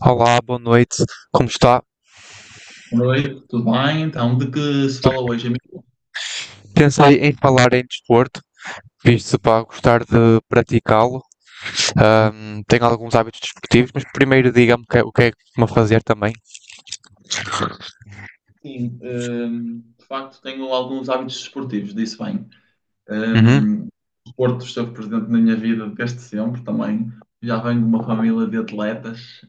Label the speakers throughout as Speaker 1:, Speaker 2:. Speaker 1: Olá, boa noite. Como está?
Speaker 2: Oi, tudo bem? Então, de que se fala hoje, amigo?
Speaker 1: Pensei em falar em desporto, visto para gostar de praticá-lo. Tenho alguns hábitos desportivos, mas primeiro diga-me o que é que costuma fazer também.
Speaker 2: Sim, de facto tenho alguns hábitos desportivos, disse bem.
Speaker 1: Uhum.
Speaker 2: O desporto esteve presente na minha vida desde sempre também. Já venho de uma família de atletas,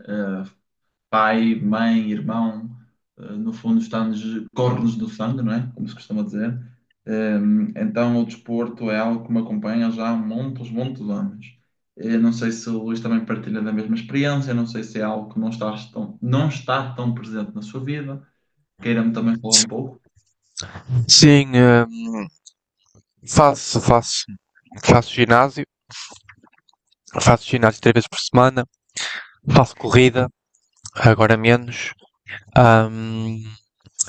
Speaker 2: pai, mãe, irmão, no fundo está-nos, corre-nos do sangue, não é? Como se costuma dizer. Eh, Então o desporto é algo que me acompanha já há muitos, muitos anos. Não sei se o Luís também partilha da mesma experiência, não sei se é algo que não está tão presente na sua vida. Queira-me também falar um pouco.
Speaker 1: Sim, faço, faço, faço ginásio, faço ginásio três vezes por semana, faço corrida, agora menos, ahm,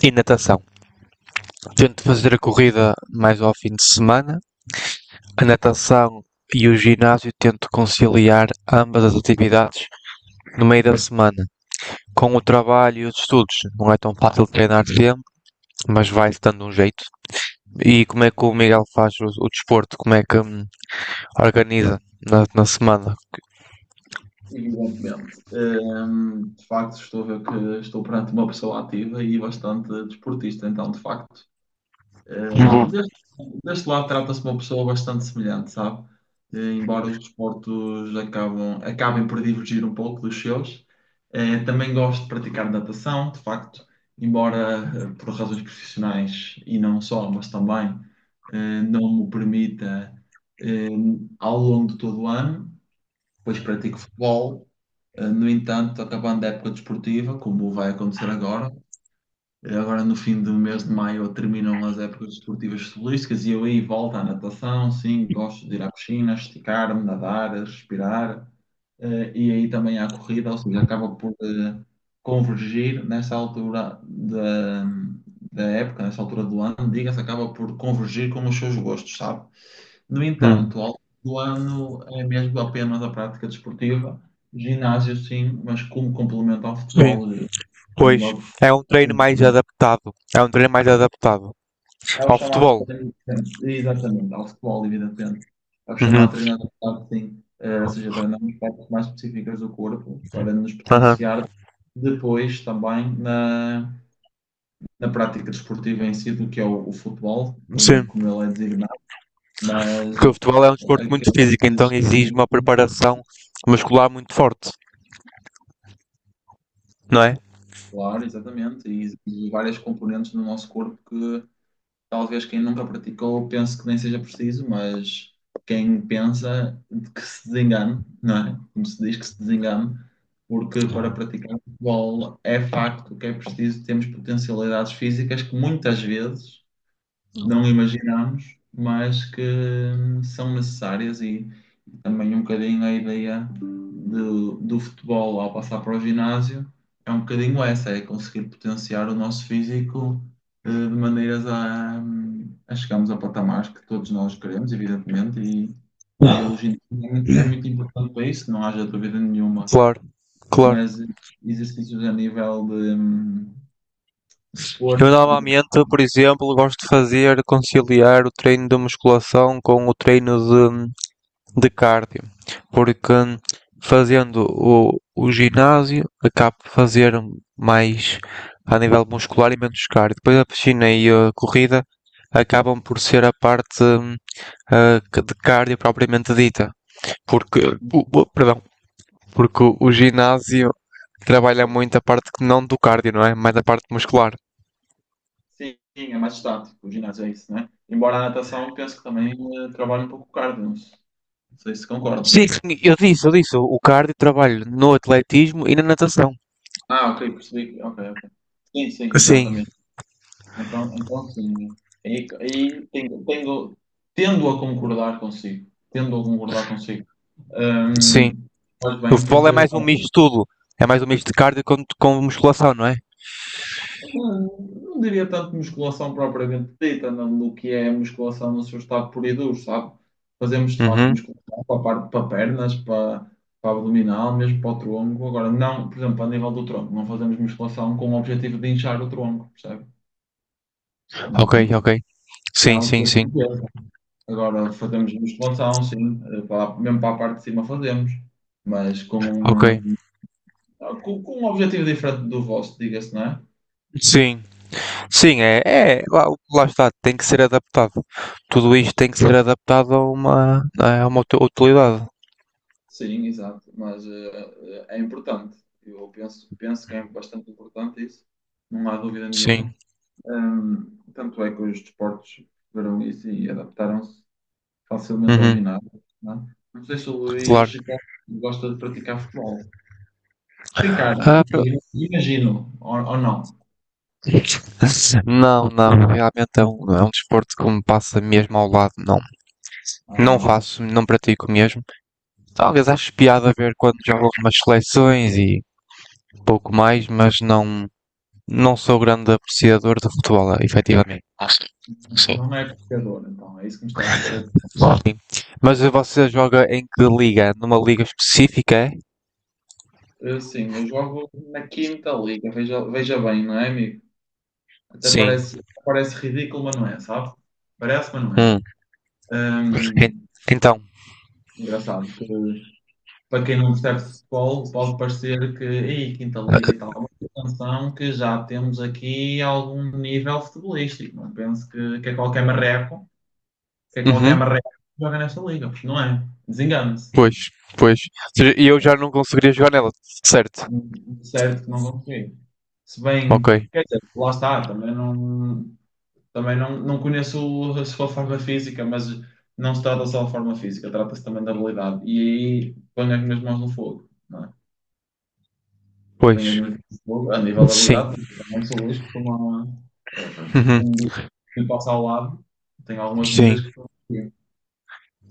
Speaker 1: e natação. Tento fazer a corrida mais ao fim de semana, a natação e o ginásio tento conciliar ambas as atividades no meio da semana. Com o trabalho e os estudos, não é tão fácil treinar tempo, mas vai-se dando um jeito. E como é que o Miguel faz o desporto? Como é que organiza na semana?
Speaker 2: Evidentemente. De facto, estou a ver que estou perante uma pessoa ativa e bastante desportista, então, de facto. Hum, Deste, deste lado trata-se de uma pessoa bastante semelhante, sabe? Embora os desportos acabem por divergir um pouco dos seus, também gosto de praticar natação, de facto, embora por razões profissionais e não só, mas também não me permita eh, ao longo de todo o ano, pois pratico futebol. No entanto, acabando a época desportiva, como vai acontecer agora, agora no fim do mês de maio terminam as épocas desportivas solísticas e eu aí volto à natação, sim, gosto de ir à piscina, esticar-me, nadar, respirar, e aí também à corrida, ou seja, acaba por convergir nessa altura da época, nessa altura do ano, diga-se, acaba por convergir com os seus gostos, sabe? No
Speaker 1: Hum.
Speaker 2: entanto, ao longo do ano é mesmo apenas a prática desportiva, ginásio sim, mas como complemento ao
Speaker 1: Sim,
Speaker 2: futebol. Eh, a
Speaker 1: pois,
Speaker 2: nível
Speaker 1: é um treino mais
Speaker 2: de
Speaker 1: adaptado. É um treino mais adaptado
Speaker 2: É o
Speaker 1: ao
Speaker 2: chamado
Speaker 1: futebol.
Speaker 2: treino, exatamente, ao futebol, evidentemente. É o
Speaker 1: Uhum.
Speaker 2: chamado treinamento de marketing, ou seja, treinamos partes mais específicas do corpo para nos
Speaker 1: Aham.
Speaker 2: potenciar depois também na prática desportiva em si, do que é o futebol,
Speaker 1: Sim.
Speaker 2: como ele é designado,
Speaker 1: Porque
Speaker 2: mas
Speaker 1: o futebol é um desporto muito
Speaker 2: aquele
Speaker 1: físico, então exige
Speaker 2: exercícios
Speaker 1: uma preparação muscular muito forte, não é?
Speaker 2: muscular, exatamente, e exige várias componentes no nosso corpo que talvez quem nunca praticou pense que nem seja preciso, mas quem pensa que se desengane, não é? Como se diz, que se desengane, porque para praticar futebol é facto que é preciso termos potencialidades físicas que muitas vezes não imaginamos, mas que são necessárias. E e também um bocadinho a ideia do futebol, ao passar para o ginásio, é um bocadinho essa: é conseguir potenciar o nosso físico de maneiras a chegarmos a patamares que todos nós queremos, evidentemente, e o ginásio é muito importante para isso, não haja dúvida nenhuma,
Speaker 1: Claro, claro.
Speaker 2: mas exercícios a nível de
Speaker 1: Eu
Speaker 2: força.
Speaker 1: normalmente, por exemplo, gosto de fazer conciliar o treino de musculação com o treino de cardio, porque fazendo o ginásio acabo de fazer mais a nível muscular e menos cardio. Depois a piscina e a corrida acabam por ser a parte de cardio propriamente dita, porque, perdão, porque o ginásio trabalha muito a parte que não do cardio, não é? Mais a parte muscular.
Speaker 2: Sim, é mais estático, o ginásio é isso, né? Embora a natação, penso que também trabalha um pouco o cardio, não sei se concorda.
Speaker 1: Sim, sim, eu disse, o cardio trabalho no atletismo e na natação.
Speaker 2: Ah, ok, percebi. Ok, ok. Sim, sim,
Speaker 1: Sim,
Speaker 2: exatamente. Então sim. Aí, aí tenho, tenho- tendo a concordar consigo. Tendo a concordar consigo.
Speaker 1: sim.
Speaker 2: Hum, faz
Speaker 1: O
Speaker 2: bem
Speaker 1: futebol é
Speaker 2: porque
Speaker 1: mais um misto de tudo. É mais um misto de cardio com musculação, não é?
Speaker 2: não, não diria tanto musculação propriamente dita, não, do que é musculação no seu estado puro e duro, sabe? Fazemos de facto
Speaker 1: Uhum.
Speaker 2: musculação para, para pernas, para, para abdominal, mesmo para o tronco. Agora não, por exemplo, a nível do tronco, não fazemos musculação com o objetivo de inchar o tronco, percebe? Não,
Speaker 1: Ok,
Speaker 2: não
Speaker 1: ok.
Speaker 2: é
Speaker 1: Sim,
Speaker 2: algo
Speaker 1: sim,
Speaker 2: que
Speaker 1: sim.
Speaker 2: aconteça. Agora, fazemos musculação, sim, para- mesmo para a parte de cima fazemos, mas
Speaker 1: Ok.
Speaker 2: com um objetivo diferente do vosso, diga-se, não é?
Speaker 1: Sim. Sim, é, é lá, lá está, tem que ser adaptado. Tudo isto tem que ser adaptado a uma, utilidade.
Speaker 2: Sim, exato. Mas é importante. Eu penso que é bastante importante isso. Não há dúvida
Speaker 1: Sim.
Speaker 2: nenhuma. Tanto é que os desportos viram isso e adaptaram-se facilmente ao
Speaker 1: Uhum.
Speaker 2: ginásio. Não é? Não sei se o
Speaker 1: Claro.
Speaker 2: Luís gosta de praticar futebol. Tem cara, não
Speaker 1: Ah, pro-
Speaker 2: sei, imagino, ou não.
Speaker 1: não, não, realmente é um desporto que me passa mesmo ao lado, não. Não
Speaker 2: Ah,
Speaker 1: faço, não pratico mesmo. Talvez acho piada a ver quando jogo algumas seleções e pouco mais, mas não, não sou grande apreciador de futebol, efetivamente.
Speaker 2: não é pescador, então. É isso que me está a querer dizer.
Speaker 1: Mas você joga em que liga? Numa liga específica, é?
Speaker 2: Sim, eu jogo na quinta liga. Veja, veja bem, não é, amigo? Até
Speaker 1: Sim.
Speaker 2: parece, parece ridículo, mas não é, sabe? Parece, mas não é.
Speaker 1: Hum. en-
Speaker 2: Hum,
Speaker 1: Então.
Speaker 2: engraçado que para quem não percebe futebol pode parecer que, ei, Quinta Liga e tal, mas atenção que já temos aqui algum nível futebolístico. Não penso que é qualquer marreco,
Speaker 1: Uhum.
Speaker 2: que joga nesta liga, porque não é. Desengane-se.
Speaker 1: Pois, pois. Ou seja, e eu já não conseguiria jogar nela, certo?
Speaker 2: É, certo que não consigo. Se
Speaker 1: Ok.
Speaker 2: bem, quer dizer, lá está, também não. Também não, não conheço a sua forma física, mas não se trata só da forma física, trata-se também da habilidade. E aí ponho as minhas mãos no fogo, não é? Ponho as
Speaker 1: Pois.
Speaker 2: minhas mãos no fogo, a nível da
Speaker 1: Sim.
Speaker 2: habilidade, mas eu também sou listo como, a, é, pronto,
Speaker 1: Uhum.
Speaker 2: como digo, quem passa ao lado, tenho algumas dúvidas
Speaker 1: Sim.
Speaker 2: que estou aqui.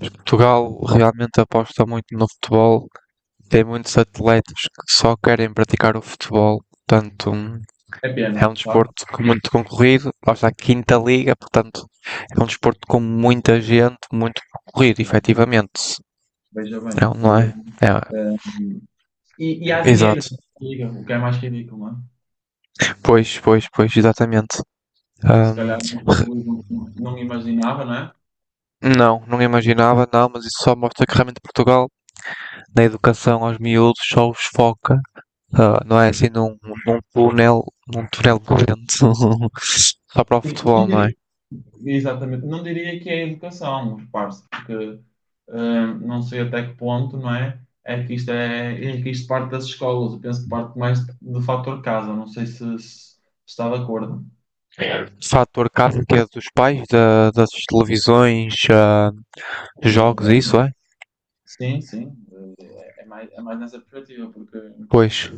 Speaker 1: Portugal realmente aposta muito no futebol. Tem muitos atletas que só querem praticar o futebol. Tanto um
Speaker 2: É pena,
Speaker 1: É um
Speaker 2: sabe?
Speaker 1: desporto muito concorrido, lá está a quinta liga, portanto, é um desporto com muita gente, muito concorrido, efetivamente.
Speaker 2: Veja bem,
Speaker 1: Não, não
Speaker 2: veja
Speaker 1: é?
Speaker 2: bem.
Speaker 1: É,
Speaker 2: Eh, e, e há dinheiro,
Speaker 1: exato.
Speaker 2: liga, o que é mais ridículo, não é?
Speaker 1: Pois, pois, pois, exatamente.
Speaker 2: O se
Speaker 1: Ahm,
Speaker 2: calhar não, não imaginava, não é?
Speaker 1: não, não imaginava, não, mas isso só mostra que realmente Portugal, na educação aos miúdos, só os foca, não é assim, num túnel corrente, só para o
Speaker 2: E Não
Speaker 1: futebol, não é?
Speaker 2: diria, Exatamente. Não diria que é educação, repare-se, porque não sei até que ponto, não é? É que é que isto parte das escolas. Eu penso que parte mais do fator casa, não sei se está de acordo.
Speaker 1: Fator casa que é dos pais, das televisões, jogos,
Speaker 2: Evidentemente.
Speaker 1: isso é?
Speaker 2: Sim, sim, é mais nessa perspectiva, porque
Speaker 1: Pois,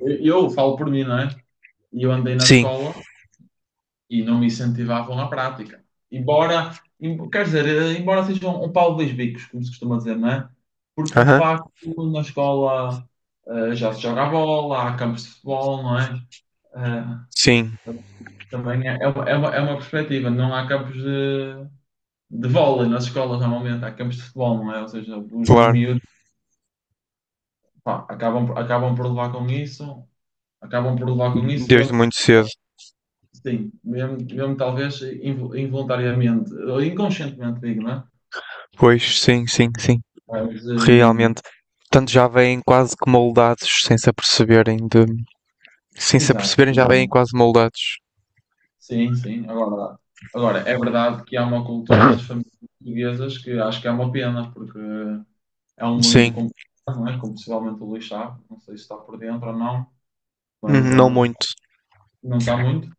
Speaker 2: eu falo por mim, não é? E eu andei na
Speaker 1: sim,
Speaker 2: escola e não me incentivavam na prática. Quer dizer, embora seja um pau de dois bicos, como se costuma dizer, não é? Porque de
Speaker 1: aham,
Speaker 2: facto na escola já se joga a bola, há campos de futebol, não é? Eh,
Speaker 1: sim,
Speaker 2: Também é, é, uma, é uma perspectiva, não há campos de vôlei nas escolas normalmente, há campos de futebol, não é? Ou seja, os
Speaker 1: claro,
Speaker 2: miúdos, pá, acabam por levar com isso, acabam por levar com isso
Speaker 1: desde
Speaker 2: mesmo,
Speaker 1: muito cedo.
Speaker 2: sim, mesmo, mesmo talvez involuntariamente, ou inconscientemente digo, não é?
Speaker 1: Pois, sim, sim, sim,
Speaker 2: Mas,
Speaker 1: realmente. Portanto, já vêm quase que moldados, sem se aperceberem de... Sem se
Speaker 2: exato.
Speaker 1: aperceberem, já vêm quase moldados.
Speaker 2: Sim, sim. Agora, é verdade que há uma cultura nas famílias portuguesas que acho que é uma pena, porque é um mundo
Speaker 1: Sim.
Speaker 2: complicado, não é? Como possivelmente o Luís sabe, não sei se está por dentro ou não, mas é
Speaker 1: Não
Speaker 2: um,
Speaker 1: muito.
Speaker 2: não está muito,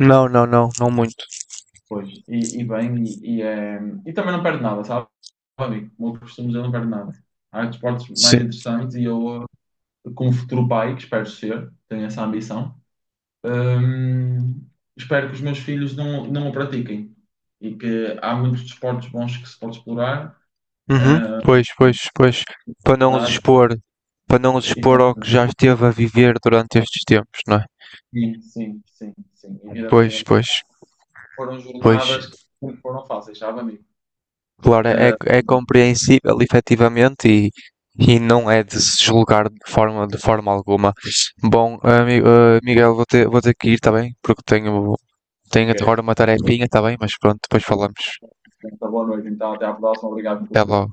Speaker 1: Não, não, não, não muito.
Speaker 2: pois. E bem, e é, e também não perde nada, sabe? Amigo, como eu costumo dizer, não perde nada. Há desportos mais
Speaker 1: Sim.
Speaker 2: interessantes e eu, como futuro pai, que espero ser, tenho essa ambição. Hum, espero que os meus filhos não o pratiquem, e que há muitos desportos bons que se pode explorar.
Speaker 1: Uhum,
Speaker 2: Ah,
Speaker 1: pois, pois, pois. Para não os
Speaker 2: verdade,
Speaker 1: expor, para não os
Speaker 2: e
Speaker 1: expor
Speaker 2: bom,
Speaker 1: ao que já esteve a viver durante estes tempos, não é?
Speaker 2: sim, sim, sim, sim,
Speaker 1: Pois,
Speaker 2: evidentemente.
Speaker 1: pois,
Speaker 2: Foram jornadas
Speaker 1: pois.
Speaker 2: que não foram fáceis, sabe, amigo?
Speaker 1: Claro, é,
Speaker 2: Ah,
Speaker 1: é compreensível, efetivamente, e não é de se julgar de forma alguma. Bom, Miguel, vou ter que ir, está bem? Porque tenho, tenho
Speaker 2: ok,
Speaker 1: agora uma tarefinha, está bem? Mas pronto, depois falamos.
Speaker 2: então boa noite, então até à próxima. Obrigado por
Speaker 1: Até logo.